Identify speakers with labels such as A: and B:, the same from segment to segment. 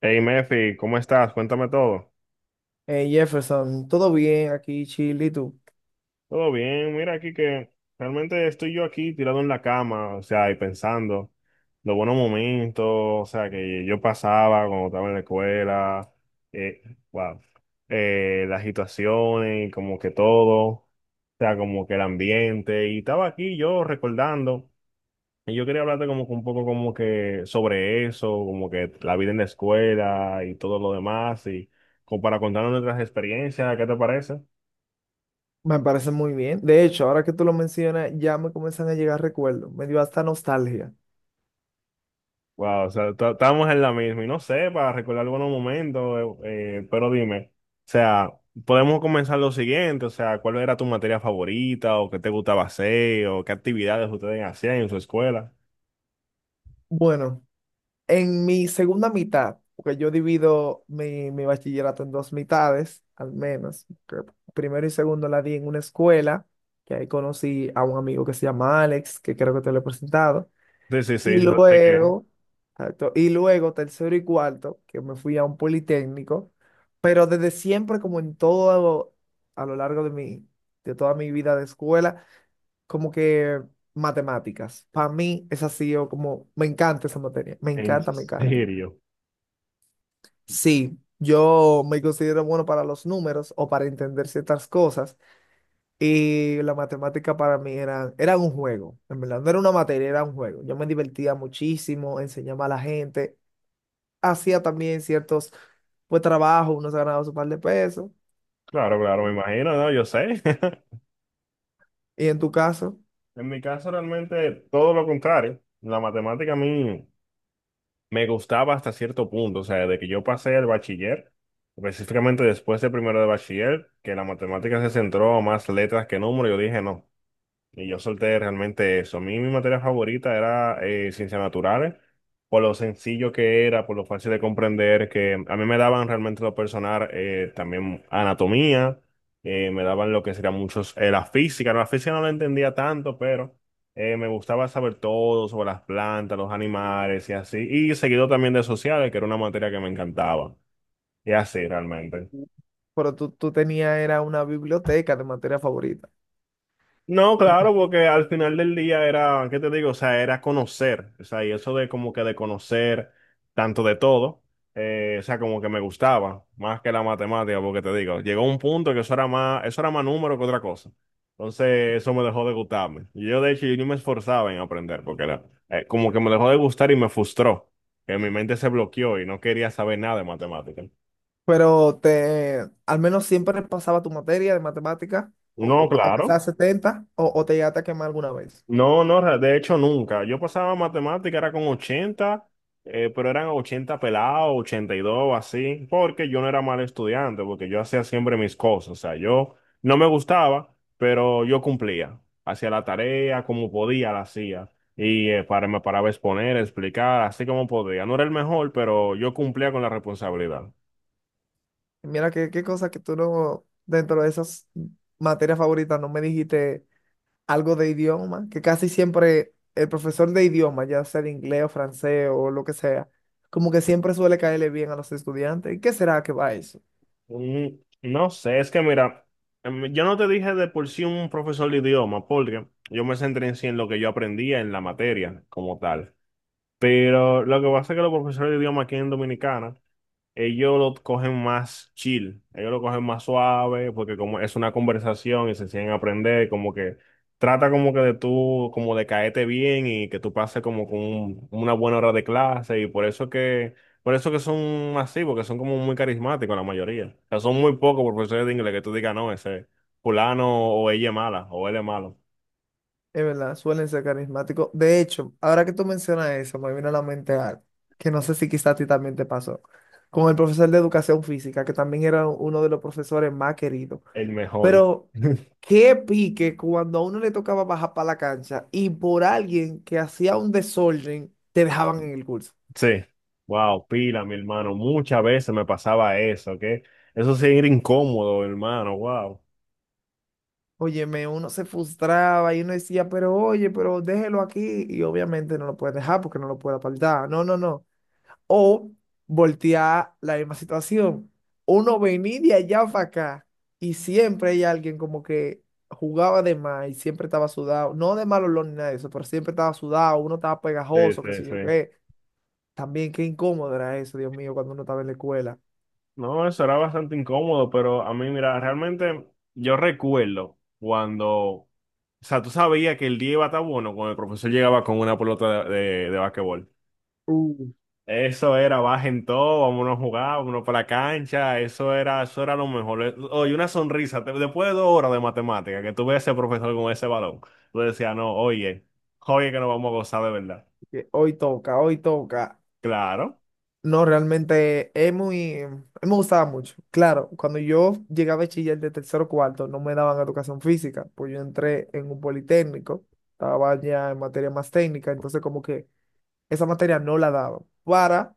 A: Hey Mefi, ¿cómo estás? Cuéntame todo.
B: Jefferson, todo bien aquí, Chile, ¿y tú?
A: Todo bien, mira aquí que realmente estoy yo aquí tirado en la cama, o sea, y pensando los buenos momentos, o sea, que yo pasaba cuando estaba en la escuela, eh, wow, las situaciones, y como que todo, o sea, como que el ambiente, y estaba aquí yo recordando. Y yo quería hablarte como que un poco como que sobre eso, como que la vida en la escuela y todo lo demás, y como para contarnos nuestras experiencias, ¿qué te parece?
B: Me parece muy bien. De hecho, ahora que tú lo mencionas, ya me comienzan a llegar recuerdos. Me dio hasta nostalgia.
A: Wow, o sea, estábamos en la misma, y no sé, para recordar algunos momentos, pero dime, o sea, podemos comenzar lo siguiente, o sea, ¿cuál era tu materia favorita, o qué te gustaba hacer, o qué actividades ustedes hacían en su escuela?
B: Bueno, en mi segunda mitad, porque yo divido mi bachillerato en dos mitades, al menos. Que primero y segundo la di en una escuela, que ahí conocí a un amigo que se llama Alex, que creo que te lo he presentado.
A: Sí, sí, sí,
B: Y
A: sé que,
B: luego, exacto, y luego tercero y cuarto, que me fui a un politécnico, pero desde siempre, como en todo a lo largo de toda mi vida de escuela, como que matemáticas. Para mí es así, yo como, me encanta esa materia, me
A: en
B: encanta, me encanta.
A: serio.
B: Sí, yo me considero bueno para los números o para entender ciertas cosas, y la matemática para mí era un juego, en verdad, no era una materia, era un juego. Yo me divertía muchísimo, enseñaba a la gente. Hacía también ciertos pues trabajos, uno se ganaba su par de pesos.
A: Claro, claro, me imagino, ¿no? Yo sé.
B: ¿Y en tu caso?
A: En mi caso realmente todo lo contrario. La matemática a mí me gustaba hasta cierto punto, o sea, de que yo pasé el bachiller, específicamente después de primero de bachiller, que la matemática se centró más letras que números, yo dije no. Y yo solté realmente eso. A mí mi materia favorita era ciencias naturales, por lo sencillo que era, por lo fácil de comprender, que a mí me daban realmente lo personal, también anatomía, me daban lo que sería muchos, la física no la entendía tanto, pero me gustaba saber todo sobre las plantas, los animales y así. Y seguido también de sociales, que era una materia que me encantaba. Y así realmente.
B: Pero tú tenías era una biblioteca de materia favorita.
A: No, claro, porque al final del día era, ¿qué te digo? O sea, era conocer, o sea, y eso de como que de conocer tanto de todo, o sea, como que me gustaba más que la matemática, porque te digo, llegó un punto que eso era más número que otra cosa. Entonces, eso me dejó de gustarme. Y yo, de hecho, yo ni me esforzaba en aprender, porque era, como que me dejó de gustar y me frustró, que mi mente se bloqueó y no quería saber nada de matemática.
B: Pero te, al menos siempre pasaba tu materia de matemática,
A: No,
B: aunque
A: claro.
B: sea 70 o te llegaste a quemar alguna vez.
A: No, no, de hecho nunca. Yo pasaba matemática, era con 80, pero eran 80 pelados, 82, así, porque yo no era mal estudiante, porque yo hacía siempre mis cosas. O sea, yo no me gustaba, pero yo cumplía. Hacía la tarea como podía, la hacía. Y para, me paraba a exponer, a explicar, así como podía. No era el mejor, pero yo cumplía con la responsabilidad.
B: Mira qué cosa que tú no, dentro de esas materias favoritas, no me dijiste algo de idioma, que casi siempre el profesor de idioma, ya sea de inglés o francés o lo que sea, como que siempre suele caerle bien a los estudiantes. ¿Y qué será que va eso?
A: Mm, no sé, es que mira, yo no te dije de por sí un profesor de idioma, porque yo me centré en sí en lo que yo aprendía en la materia como tal. Pero lo que pasa es que los profesores de idioma aquí en Dominicana ellos lo cogen más chill, ellos lo cogen más suave, porque como es una conversación y se siguen a aprender, como que trata como que de tú, como de caerte bien y que tú pases como con una buena hora de clase y por eso que son así, porque son como muy carismáticos la mayoría. O sea, son muy pocos profesores de inglés que tú digas, no, ese fulano o ella es mala o él es malo,
B: Es verdad, suelen ser carismáticos. De hecho, ahora que tú mencionas eso, me vino a la mente algo, que no sé si quizás a ti también te pasó, con el profesor de educación física, que también era uno de los profesores más queridos.
A: el mejor.
B: Pero qué pique cuando a uno le tocaba bajar para la cancha y por alguien que hacía un desorden, te dejaban en el curso.
A: Sí, wow, pila, mi hermano. Muchas veces me pasaba eso, ¿ok? Eso sí era incómodo, hermano, wow.
B: Óyeme, uno se frustraba y uno decía, pero oye, pero déjelo aquí. Y obviamente no lo puedes dejar porque no lo puede apartar. No, no, no. O voltear la misma situación. Uno venía de allá para acá y siempre hay alguien como que jugaba de más y siempre estaba sudado. No de mal olor ni nada de eso, pero siempre estaba sudado. Uno estaba
A: Sí,
B: pegajoso, qué
A: sí,
B: sé yo
A: sí.
B: qué. También qué incómodo era eso, Dios mío, cuando uno estaba en la escuela.
A: No, eso era bastante incómodo, pero a mí, mira, realmente yo recuerdo cuando, o sea, tú sabías que el día iba a estar bueno cuando el profesor llegaba con una pelota de basquetbol.
B: Uh,
A: Eso era, bajen todo, vámonos a jugar, vámonos para la cancha, eso era lo mejor. Oye, una sonrisa, después de dos horas de matemática, que tú ves a ese profesor con ese balón, tú decías, no, oye, oye que nos vamos a gozar de verdad.
B: que hoy toca, hoy toca.
A: Claro,
B: No, realmente es muy, a mí me gustaba mucho. Claro, cuando yo llegué a bachiller de tercero o cuarto, no me daban educación física, pues yo entré en un politécnico, estaba ya en materia más técnica, entonces como que esa materia no la daban para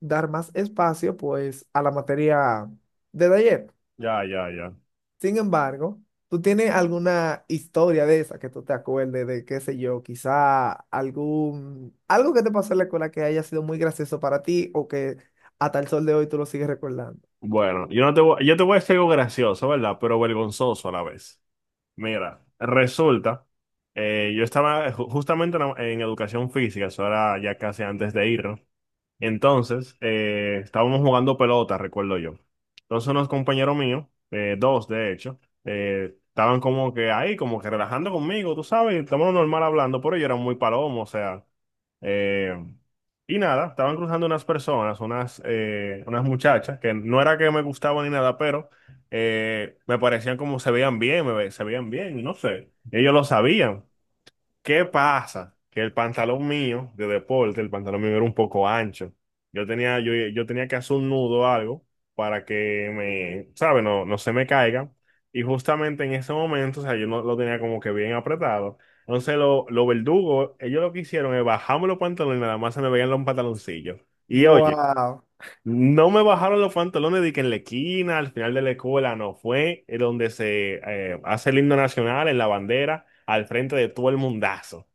B: dar más espacio pues a la materia de taller.
A: ya, ya, ya.
B: Sin embargo, ¿tú tienes alguna historia de esa que tú te acuerdes de, qué sé yo, quizá algún, algo que te pasó en la escuela que haya sido muy gracioso para ti o que hasta el sol de hoy tú lo sigues recordando?
A: Bueno, yo no te voy, yo te voy a decir algo gracioso, ¿verdad? Pero vergonzoso a la vez. Mira, resulta, yo estaba justamente en, en educación física, eso era ya casi antes de ir. Entonces, estábamos jugando pelota, recuerdo yo. Entonces unos compañeros míos, dos de hecho, estaban como que ahí, como que relajando conmigo, tú sabes, estábamos normal hablando, pero yo era muy palomo, o sea, eh, y nada, estaban cruzando unas personas, unas, unas muchachas, que no era que me gustaban ni nada, pero me parecían como se veían bien, se veían bien, no sé, ellos lo sabían. ¿Qué pasa? Que el pantalón mío de deporte, el pantalón mío era un poco ancho. Yo tenía, yo tenía que hacer un nudo o algo para que me, ¿sabes? No, no se me caiga. Y justamente en ese momento, o sea, yo no lo tenía como que bien apretado. Entonces, los verdugos, ellos lo que hicieron es bajarme los pantalones y nada más se me veían los pantaloncillos. Y oye,
B: Wow.
A: no me bajaron los pantalones de que en la esquina, al final de la escuela, no fue donde se hace el himno nacional, en la bandera, al frente de todo el mundazo.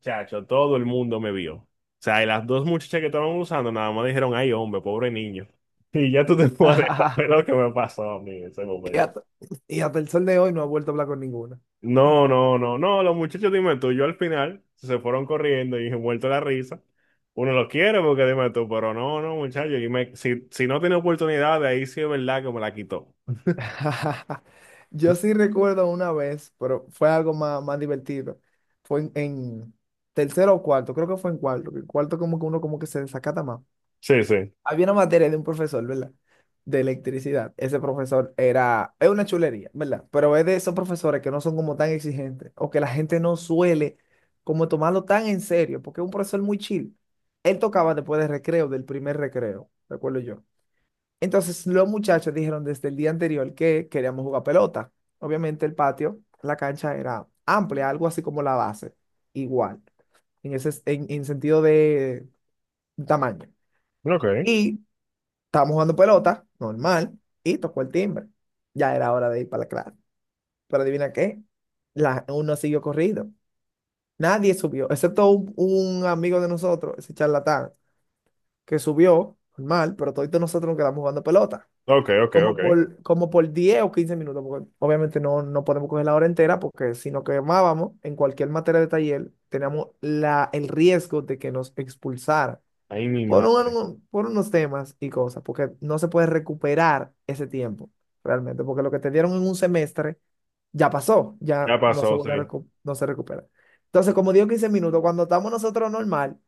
A: Chacho, todo el mundo me vio. O sea, y las dos muchachas que estaban usando nada más dijeron, ay, hombre, pobre niño. Y ya tú te puedes saber lo que me pasó a mí en ese
B: Y
A: momento.
B: hasta, y hasta el sol de hoy no ha vuelto a hablar con ninguna.
A: No, no, no, no, los muchachos, dime tú, yo al final se fueron corriendo y muerto la risa. Uno lo quiere porque dime tú, pero no, no, muchachos, si, si no tiene oportunidad, de ahí sí es verdad que me la quitó.
B: Yo sí recuerdo una vez, pero fue algo más, más divertido. Fue en tercero o cuarto, creo que fue en cuarto. Que en cuarto como que uno como que se desacata más.
A: Sí, sí.
B: Había una materia de un profesor, ¿verdad? De electricidad. Ese profesor era, es una chulería, ¿verdad? Pero es de esos profesores que no son como tan exigentes o que la gente no suele como tomarlo tan en serio, porque es un profesor muy chill. Él tocaba después del recreo, del primer recreo, recuerdo yo. Entonces los muchachos dijeron desde el día anterior que queríamos jugar pelota. Obviamente el patio, la cancha era amplia, algo así como la base, igual, en ese, en sentido de tamaño.
A: Ok,
B: Y estábamos jugando pelota, normal, y tocó el timbre. Ya era hora de ir para la clase. Pero adivina qué, la, uno siguió corriendo. Nadie subió, excepto un amigo de nosotros, ese charlatán, que subió, normal, pero todos nosotros nos quedamos jugando pelota.
A: ok, ok,
B: Como
A: ok.
B: por, como por 10 o 15 minutos, porque obviamente no podemos coger la hora entera, porque si nos quemábamos en cualquier materia de taller, teníamos la, el riesgo de que nos expulsaran
A: Ay, mi
B: por,
A: madre.
B: por unos temas y cosas, porque no se puede recuperar ese tiempo realmente, porque lo que te dieron en un semestre ya pasó, ya
A: Ya
B: no se
A: pasó, sí.
B: vuelve a no se recupera. Entonces, como digo 15 minutos, cuando estamos nosotros normal,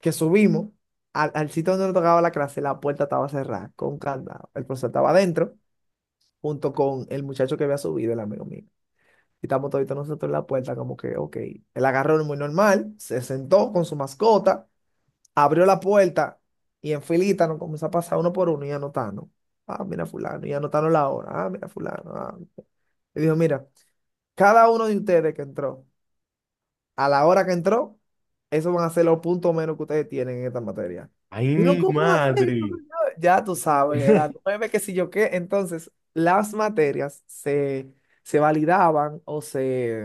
B: que subimos al sitio donde nos tocaba la clase, la puerta estaba cerrada, con candado. El profesor estaba adentro, junto con el muchacho que había subido, el amigo mío. Y estamos toditos nosotros en la puerta, como que, ok. Él agarró muy normal, se sentó con su mascota, abrió la puerta y en filita nos comenzó a pasar uno por uno y anotando. Ah, mira fulano, y anotaron la hora. Ah, mira fulano. Ah, mira. Y dijo, mira, cada uno de ustedes que entró, a la hora que entró, esos van a ser los puntos menos que ustedes tienen en esta materia.
A: Ay,
B: Y uno,
A: mi
B: ¿cómo hacer?
A: madre.
B: Ya tú sabes, era nueve que si yo qué. Entonces, se validaban o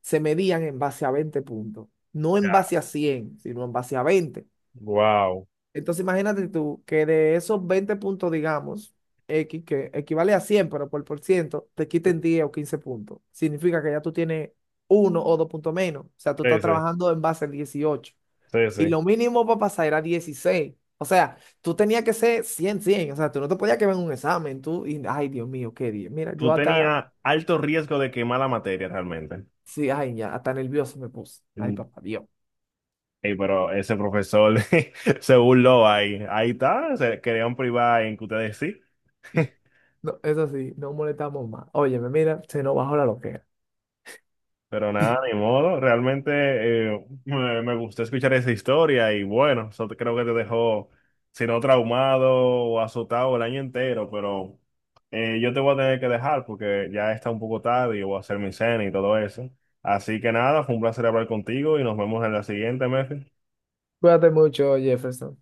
B: se medían en base a 20 puntos. No en
A: Ya,
B: base a 100 sino en base a veinte.
A: wow.
B: Entonces imagínate tú que de esos 20 puntos, digamos, X, que equivale a 100 pero por ciento, te quiten 10 o 15 puntos. Significa que ya tú tienes uno o dos puntos menos. O sea, tú
A: Sí,
B: estás
A: sí,
B: trabajando en base al 18.
A: sí,
B: Y
A: sí.
B: lo mínimo para pasar era 16. O sea, tú tenías que ser 100 cien. O sea, tú no te podías quedar en un examen. Tú, y, ay, Dios mío, qué día. Mira, yo
A: Tú
B: hasta,
A: tenías alto riesgo de quemar la materia realmente.
B: sí, ay, ya, hasta nervioso me puse. Ay,
A: Mm.
B: papá, Dios.
A: Ey, pero ese profesor se burló ahí. Ahí está, se querían privar en que ustedes sí.
B: No, eso sí, no molestamos más. Óyeme, mira, se nos bajó la loquera.
A: Pero nada, ni modo. Realmente me gustó escuchar esa historia y bueno, creo que te dejó, si no traumado o azotado el año entero, pero yo te voy a tener que dejar porque ya está un poco tarde y voy a hacer mi cena y todo eso. Así que nada, fue un placer hablar contigo y nos vemos en la siguiente, Mefi.
B: Cuídate mucho, Jefferson.